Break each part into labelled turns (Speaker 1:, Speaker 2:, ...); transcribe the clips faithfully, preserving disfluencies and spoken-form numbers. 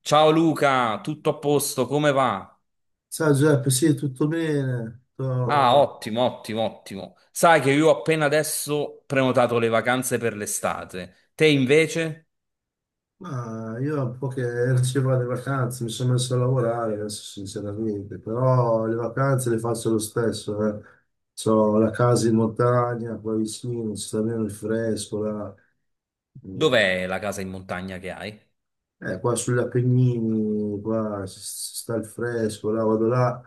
Speaker 1: Ciao Luca, tutto a posto, come va?
Speaker 2: Ciao Giuseppe, sì, tutto bene.
Speaker 1: Ah,
Speaker 2: Sto-
Speaker 1: ottimo, ottimo, ottimo. Sai che io ho appena adesso prenotato le vacanze per l'estate. Te invece?
Speaker 2: Ma io un po' che ero circa le vacanze, mi sono messo a lavorare adesso sinceramente, però le vacanze le faccio lo stesso. Eh. C'ho la casa in montagna, qua vicino, si sta bene il fresco, là. Mm.
Speaker 1: Dov'è la casa in montagna che hai?
Speaker 2: Eh, qua sugli Appennini, qua si si sta il fresco, là vado là,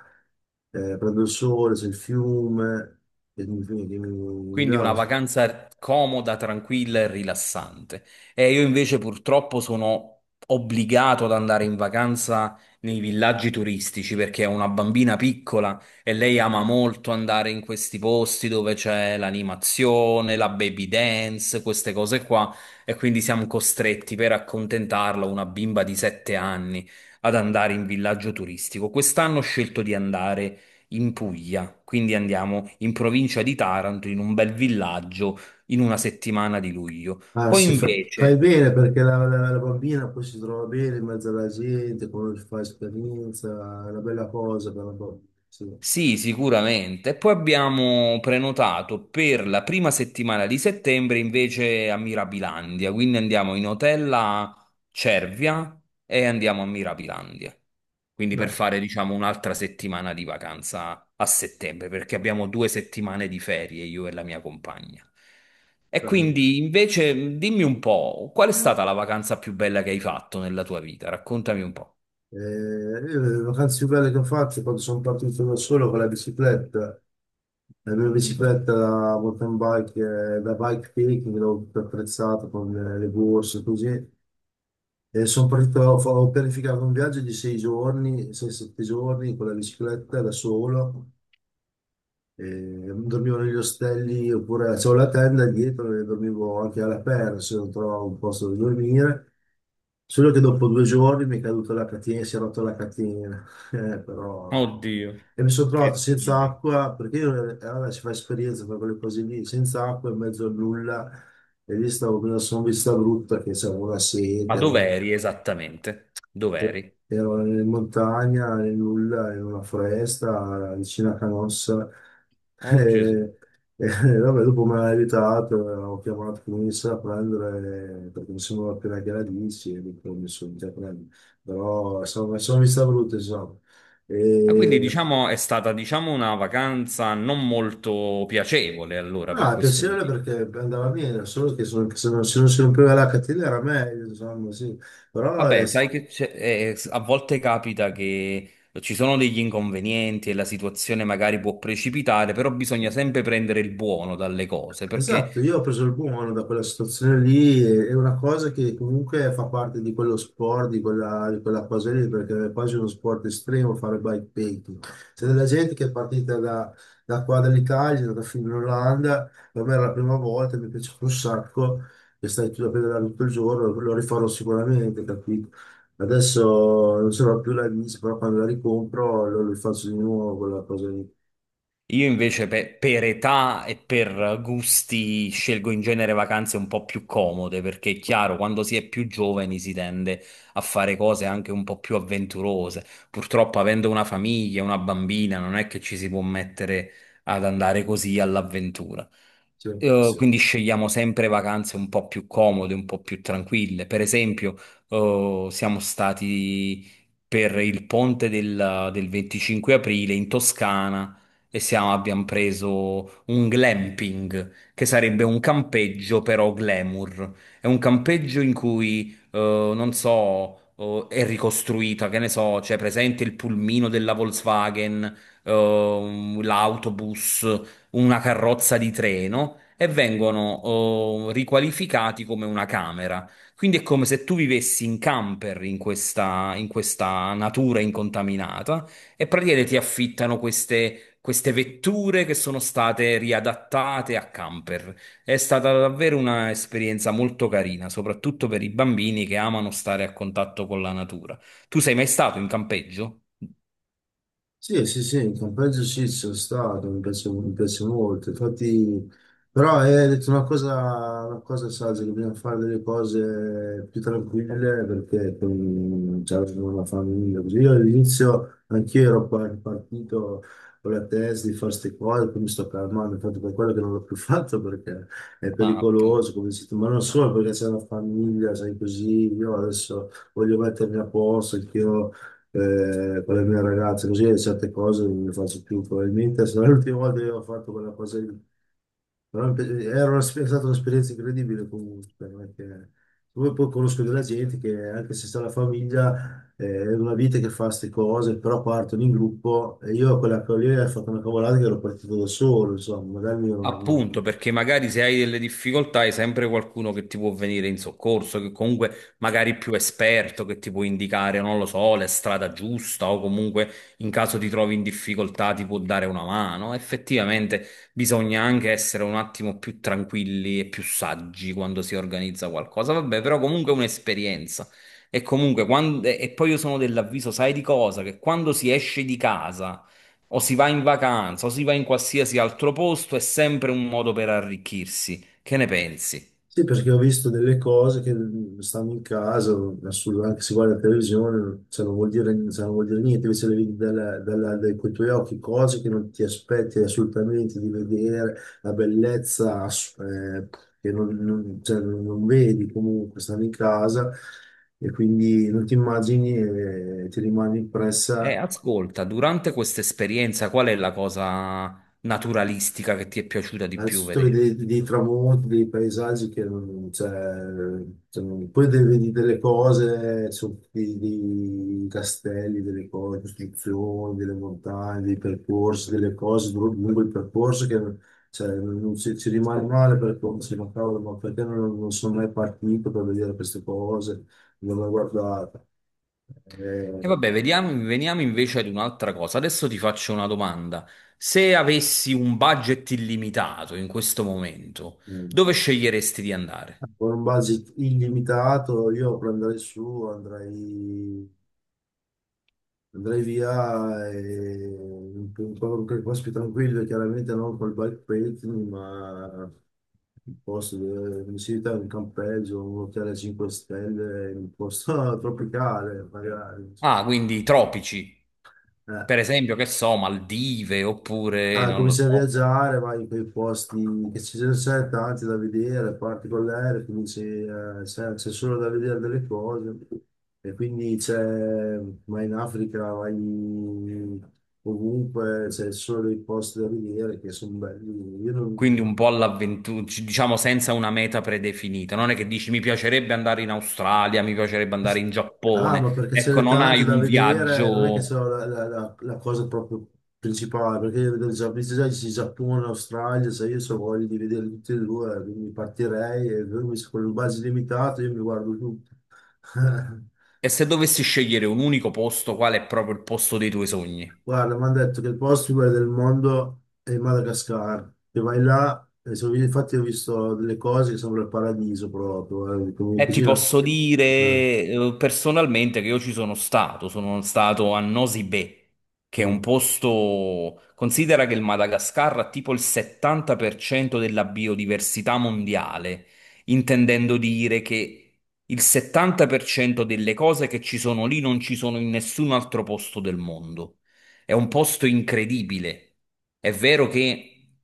Speaker 2: eh, prendo il sole, c'è il fiume, e mi, mi, mi mi
Speaker 1: Quindi
Speaker 2: dà.
Speaker 1: una vacanza comoda, tranquilla e rilassante. E io invece purtroppo sono obbligato ad andare in vacanza nei villaggi turistici perché ho una bambina piccola e lei ama molto andare in questi posti dove c'è l'animazione, la baby dance, queste cose qua. E quindi siamo costretti per accontentarla, una bimba di sette anni, ad andare in villaggio turistico. Quest'anno ho scelto di andare in Puglia, quindi andiamo in provincia di Taranto, in un bel villaggio, in una settimana di luglio.
Speaker 2: Ah,
Speaker 1: Poi
Speaker 2: sì, fa- fai
Speaker 1: invece,
Speaker 2: bene perché la, la- la bambina poi si trova bene in mezzo alla gente, quando fa esperienza, è una bella cosa per la bambina. Sì.
Speaker 1: sì, sicuramente. Poi abbiamo prenotato per la prima settimana di settembre invece a Mirabilandia, quindi andiamo in hotel a Cervia e andiamo a Mirabilandia. Quindi per
Speaker 2: Dai,
Speaker 1: fare, diciamo, un'altra settimana di vacanza a settembre, perché abbiamo due settimane di ferie io e la mia compagna. E
Speaker 2: bello.
Speaker 1: quindi invece dimmi un po', qual è stata
Speaker 2: Mm.
Speaker 1: la vacanza più bella che hai fatto nella tua vita? Raccontami un po'.
Speaker 2: Eh, io le vacanze più belle che ho fatto quando sono partito da solo con la bicicletta, la mia bicicletta da mountain bike, eh, da bike picking, l'ho attrezzata con le, le borse così. E sono partito, ho, ho pianificato un viaggio di sei giorni, sei, sette giorni con la bicicletta da solo. Eh, dormivo negli ostelli oppure avevo la tenda e dietro e dormivo anche all'aperto se non trovavo un posto dove dormire. Solo che dopo due giorni mi è caduta la catena, si è rotta la catena. Eh, però, eh.
Speaker 1: Oddio,
Speaker 2: E mi sono trovato
Speaker 1: che
Speaker 2: senza
Speaker 1: figa.
Speaker 2: acqua, perché io, eh, eh, vabbè, si fa esperienza per quelle cose lì, senza acqua in mezzo a nulla, e lì stavo con una sonvista brutta che c'avevo la
Speaker 1: Ma
Speaker 2: sete, no?
Speaker 1: dov'eri esattamente?
Speaker 2: Eh,
Speaker 1: Dov'eri?
Speaker 2: ero in montagna, nel nulla, in una foresta, vicino a Canossa.
Speaker 1: Oh Gesù.
Speaker 2: E, e vabbè, dopo mi ha aiutato, ho chiamato comunista a prendere, perché mi sembrava appena che la dici, e dico, mi sono già prendere. Però insomma, sono vista brutta, insomma.
Speaker 1: Ah, quindi
Speaker 2: E,
Speaker 1: diciamo è stata diciamo una vacanza non molto piacevole allora
Speaker 2: no,
Speaker 1: per
Speaker 2: è
Speaker 1: questo
Speaker 2: piacevole
Speaker 1: motivo.
Speaker 2: perché andava bene, solo che sono- se non, se non si rompeva la catena era meglio, insomma, sì. Però è,
Speaker 1: Vabbè, sai che c'è- eh, eh, s- a volte capita che ci sono degli inconvenienti e la situazione magari può precipitare, però bisogna sempre prendere il buono dalle cose.
Speaker 2: esatto,
Speaker 1: Perché
Speaker 2: io ho preso il buono da quella situazione lì, e- è una cosa che comunque fa parte di quello sport, di quella, di quella cosa lì, perché è quasi uno sport estremo fare bikepacking. C'è della gente che è partita da, da qua dall'Italia, è andata fino in Olanda, per me era la prima volta, mi è piaciuto un sacco, che stai tu a pedalare tutto il giorno, lo rifarò sicuramente, capito? Adesso non ce l'ho più la bici, però quando la ricompro lo, lo faccio di nuovo quella cosa lì.
Speaker 1: io invece pe- per età e per gusti scelgo in genere vacanze un po' più comode, perché è chiaro, quando si è più giovani si tende a fare cose anche un po' più avventurose. Purtroppo, avendo una famiglia, una bambina, non è che ci si può mettere ad andare così all'avventura.
Speaker 2: Sì,
Speaker 1: Eh,
Speaker 2: sì.
Speaker 1: quindi scegliamo sempre vacanze un po' più comode, un po' più tranquille. Per esempio, eh, siamo stati per il ponte del, del 25 aprile in Toscana e siamo- abbiamo preso un glamping, che sarebbe un campeggio però glamour. È un campeggio in cui, eh, non so, eh, è ricostruita, che ne so, c'è presente il pulmino della Volkswagen, eh, l'autobus, una carrozza di treno e vengono oh, riqualificati come una camera. Quindi è come se tu vivessi in camper in questa, in questa natura incontaminata e praticamente ti affittano queste, queste vetture che sono state riadattate a camper. È stata davvero un'esperienza molto carina, soprattutto per i bambini che amano stare a contatto con la natura. Tu sei mai stato in campeggio?
Speaker 2: Sì, sì, sì, in compenso ci sono stato, mi piace, mi piace molto. Infatti, però è detto una cosa, una cosa saggia, che bisogna fare delle cose più tranquille perché con, cioè, con la famiglia. Così io all'inizio anch'io ero pa- partito con la testa di fare queste cose, poi mi sto calmando, infatti per quello che non l'ho più fatto perché è
Speaker 1: Ah, appunto.
Speaker 2: pericoloso, come si ma non solo perché c'è una famiglia, sai così, io adesso voglio mettermi a posto, anch'io eh, con le mie ragazze, così certe cose non le faccio più probabilmente, se no è l'ultima volta che ho fatto quella cosa lì. Però mi piace- era una- è stata un'esperienza incredibile comunque, perché poi, poi conosco della gente che anche se sta la famiglia eh, è una vita che fa queste cose, però partono in gruppo e io a quella che lì ho fatto una cavolata che ero partito da solo, insomma, magari mi.
Speaker 1: Appunto, perché magari se hai delle difficoltà hai sempre qualcuno che ti può venire in soccorso, che comunque magari è più esperto, che ti può indicare, non lo so, la strada giusta, o comunque in caso ti trovi in difficoltà ti può dare una mano. Effettivamente bisogna anche essere un attimo più tranquilli e più saggi quando si organizza qualcosa. Vabbè, però comunque è un'esperienza. E comunque quando- e poi io sono dell'avviso, sai di cosa? Che quando si esce di casa o si va in vacanza, o si va in qualsiasi altro posto, è sempre un modo per arricchirsi. Che ne pensi?
Speaker 2: Sì, perché ho visto delle cose che mm, stanno in casa, assurdo, anche se guarda la televisione, cioè, non vuol dire, cioè, non vuol dire niente, invece le vedi dalla- dalla- dai, con i tuoi occhi, cose che non ti aspetti assolutamente di vedere, la bellezza ass- eh, che non, non- cioè, non- non vedi comunque, stanno in casa e quindi non ti immagini e ti rimane
Speaker 1: E
Speaker 2: impressa.
Speaker 1: ascolta, durante questa esperienza, qual è la cosa naturalistica che ti è piaciuta di più
Speaker 2: Innanzitutto
Speaker 1: vedere?
Speaker 2: vedi dei, dei tramonti, dei paesaggi che non, cioè, cioè, non- poi de- vedi delle cose, su- dei, dei castelli, delle cose, costruzioni, delle montagne, dei percorsi, delle cose dru- lungo il percorso che cioè, non non ci, ci rimane male perché uno si dice, ma cavolo, ma perché non, non sono mai partito per vedere queste cose, non l'ho guardata.
Speaker 1: E
Speaker 2: Eh,
Speaker 1: vabbè, vediamo, veniamo invece ad un'altra cosa. Adesso ti faccio una domanda. Se avessi un budget illimitato in questo momento,
Speaker 2: eh,
Speaker 1: dove sceglieresti di andare?
Speaker 2: con un budget illimitato io prenderei su, andrei Andrei via e in un po' qualche posto più tranquillo, chiaramente non col bikepacking, ma un posto dove mi si in un campeggio, un hotel a cinque stelle, in un posto tropicale, magari.
Speaker 1: Ah, quindi i tropici,
Speaker 2: Eh.
Speaker 1: per esempio, che so, Maldive oppure
Speaker 2: Ah,
Speaker 1: non lo
Speaker 2: cominci a
Speaker 1: so.
Speaker 2: viaggiare, vai in quei posti che ci sono sempre tanti da vedere, parti con l'aereo, cominci, eh, c'è c'è solo da vedere delle cose. E quindi c'è, vai in Africa, vai ovunque, c'è solo dei posti da vedere che sono belli. Io
Speaker 1: Quindi
Speaker 2: non,
Speaker 1: un po' all'avventura, diciamo senza una meta predefinita. Non è che dici mi piacerebbe andare in Australia, mi piacerebbe andare in
Speaker 2: ah, ma
Speaker 1: Giappone.
Speaker 2: perché ce
Speaker 1: Ecco,
Speaker 2: n'è
Speaker 1: non hai
Speaker 2: tante da
Speaker 1: un
Speaker 2: vedere, non è che
Speaker 1: viaggio.
Speaker 2: so la, la- la- la cosa proprio principale, perché io vedo già, visto già il Giappone, l'Australia, se io so voglio di vedere tutti e due, eh, quindi partirei e lui se con il budget limitato io mi guardo tutto.
Speaker 1: E se dovessi scegliere un unico posto, qual è proprio il posto dei tuoi sogni?
Speaker 2: Guarda, mi hanno detto che il posto più bello del mondo è il Madagascar, che vai là, e so- infatti ho visto delle cose che sembrano il paradiso proprio, eh, come
Speaker 1: E ti
Speaker 2: cucina.
Speaker 1: posso dire,
Speaker 2: Eh,
Speaker 1: eh, personalmente, che io ci sono stato, sono stato a Nosy Be, che è
Speaker 2: mm,
Speaker 1: un posto, considera che il Madagascar ha tipo il settanta per cento della biodiversità mondiale, intendendo dire che il settanta per cento delle cose che ci sono lì non ci sono in nessun altro posto del mondo. È un posto incredibile. È vero che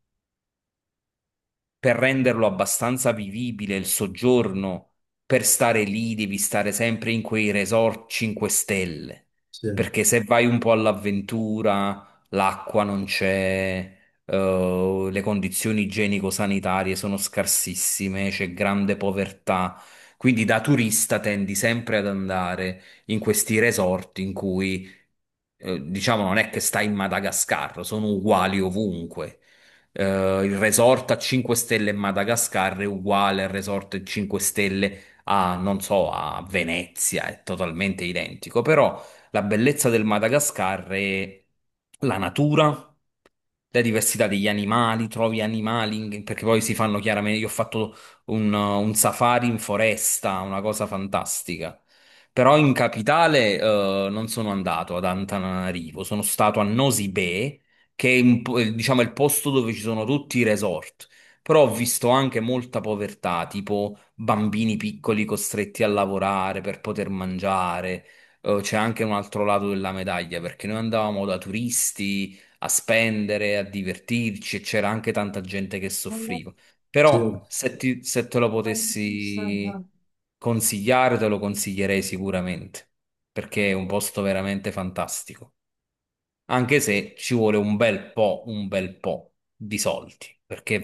Speaker 1: per renderlo abbastanza vivibile il soggiorno, per stare lì devi stare sempre in quei resort 5 stelle,
Speaker 2: sì,
Speaker 1: perché se vai un po' all'avventura, l'acqua non c'è, eh, le condizioni igienico-sanitarie sono scarsissime, c'è grande povertà. Quindi da turista tendi sempre ad andare in questi resort in cui, eh, diciamo, non è che stai in Madagascar, sono uguali ovunque. Eh, il resort a 5 stelle in Madagascar è uguale al resort 5 stelle a, non so, a Venezia, è totalmente identico, però la bellezza del Madagascar è la natura. La diversità degli animali, trovi animali, in- perché poi si fanno chiaramente. Io ho fatto un, un safari in foresta, una cosa fantastica. Però in capitale, eh, non sono andato ad Antananarivo, sono stato a Nosy Be, che è un po', eh, diciamo, il posto dove ci sono tutti i resort. Però ho visto anche molta povertà, tipo bambini piccoli costretti a lavorare per poter mangiare. Eh, C'è anche un altro lato della medaglia, perché noi andavamo da turisti a spendere, a divertirci, e c'era anche tanta gente che soffriva.
Speaker 2: sì.
Speaker 1: Però se, ti- se te lo potessi consigliare, te lo consiglierei sicuramente, perché è un posto veramente fantastico. Anche se ci vuole un bel po', un bel po' di soldi, perché è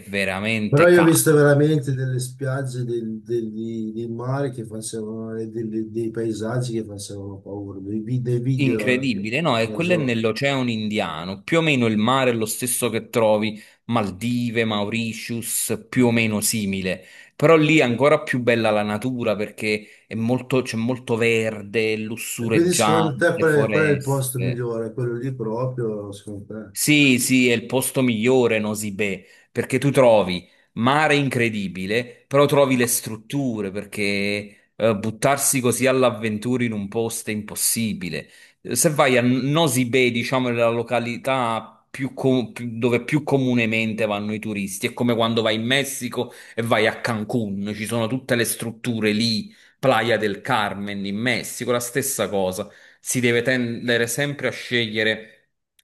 Speaker 2: Però
Speaker 1: veramente
Speaker 2: io ho visto
Speaker 1: caro.
Speaker 2: veramente delle spiagge del, del- di- del mare che facevano, e delle- dei paesaggi che facevano paura, dei, vi- dei video, eh,
Speaker 1: Incredibile, no? E
Speaker 2: non
Speaker 1: quello è
Speaker 2: so.
Speaker 1: nell'Oceano Indiano, più o meno il mare è lo stesso che trovi Maldive, Mauritius, più o
Speaker 2: Eh.
Speaker 1: meno simile, però lì è ancora più bella la natura perché è molto- c'è molto verde,
Speaker 2: E quindi secondo te
Speaker 1: lussureggiante,
Speaker 2: qual è, qual è il posto
Speaker 1: foreste.
Speaker 2: migliore? Quello lì proprio, secondo te?
Speaker 1: Sì, sì, è il posto migliore, Nosibè, perché tu trovi mare incredibile, però trovi le strutture, perché eh, buttarsi così all'avventura in un posto è impossibile. Se vai a Nosibè, diciamo, è la località più co- più- dove più comunemente vanno i turisti, è come quando vai in Messico e vai a Cancun, ci sono tutte le strutture lì, Playa del Carmen in Messico, la stessa cosa, si deve tendere sempre a scegliere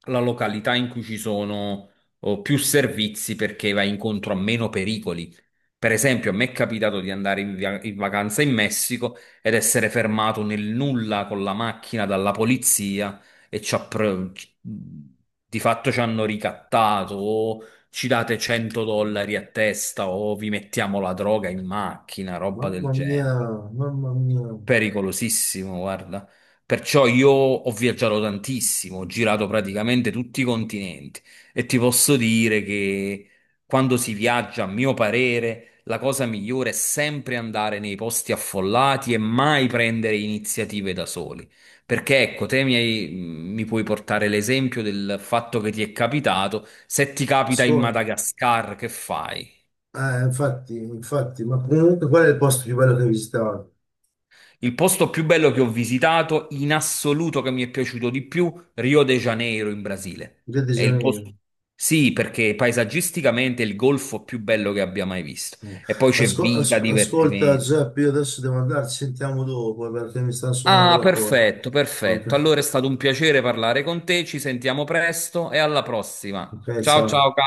Speaker 1: la località in cui ci sono oh, più servizi perché vai incontro a meno pericoli. Per esempio, a me è capitato di andare in, via- in vacanza in Messico ed essere fermato nel nulla con la macchina dalla polizia e ci ha pre- ci- di fatto ci hanno ricattato. O ci date 100 dollari a testa o vi mettiamo la droga in macchina, roba del
Speaker 2: Mamma mia,
Speaker 1: genere.
Speaker 2: mamma mia.
Speaker 1: Pericolosissimo, guarda. Perciò io ho viaggiato tantissimo, ho girato praticamente tutti i continenti e ti posso dire che quando si viaggia, a mio parere, la cosa migliore è sempre andare nei posti affollati e mai prendere iniziative da soli. Perché ecco, te mi, hai- mi puoi portare l'esempio del fatto che ti è capitato. Se ti capita in
Speaker 2: Scusa,
Speaker 1: Madagascar, che fai?
Speaker 2: eh, infatti, infatti, ma comunque qual è il posto più bello che hai visitato?
Speaker 1: Il posto più bello che ho visitato, in assoluto che mi è piaciuto di più, Rio de Janeiro in Brasile.
Speaker 2: Rio de
Speaker 1: È il
Speaker 2: Janeiro.
Speaker 1: posto. Sì, perché paesaggisticamente è il golfo più bello che abbia mai visto.
Speaker 2: No.
Speaker 1: E poi c'è
Speaker 2: Asco-
Speaker 1: vita,
Speaker 2: as- ascolta
Speaker 1: divertimento.
Speaker 2: Giuseppe, io adesso devo andare, ci sentiamo dopo perché mi stanno suonando
Speaker 1: Ah,
Speaker 2: la porta.
Speaker 1: perfetto, perfetto.
Speaker 2: Ok,
Speaker 1: Allora è stato un piacere parlare con te, ci sentiamo presto e alla prossima.
Speaker 2: ok,
Speaker 1: Ciao ciao.
Speaker 2: ciao.
Speaker 1: Carlo.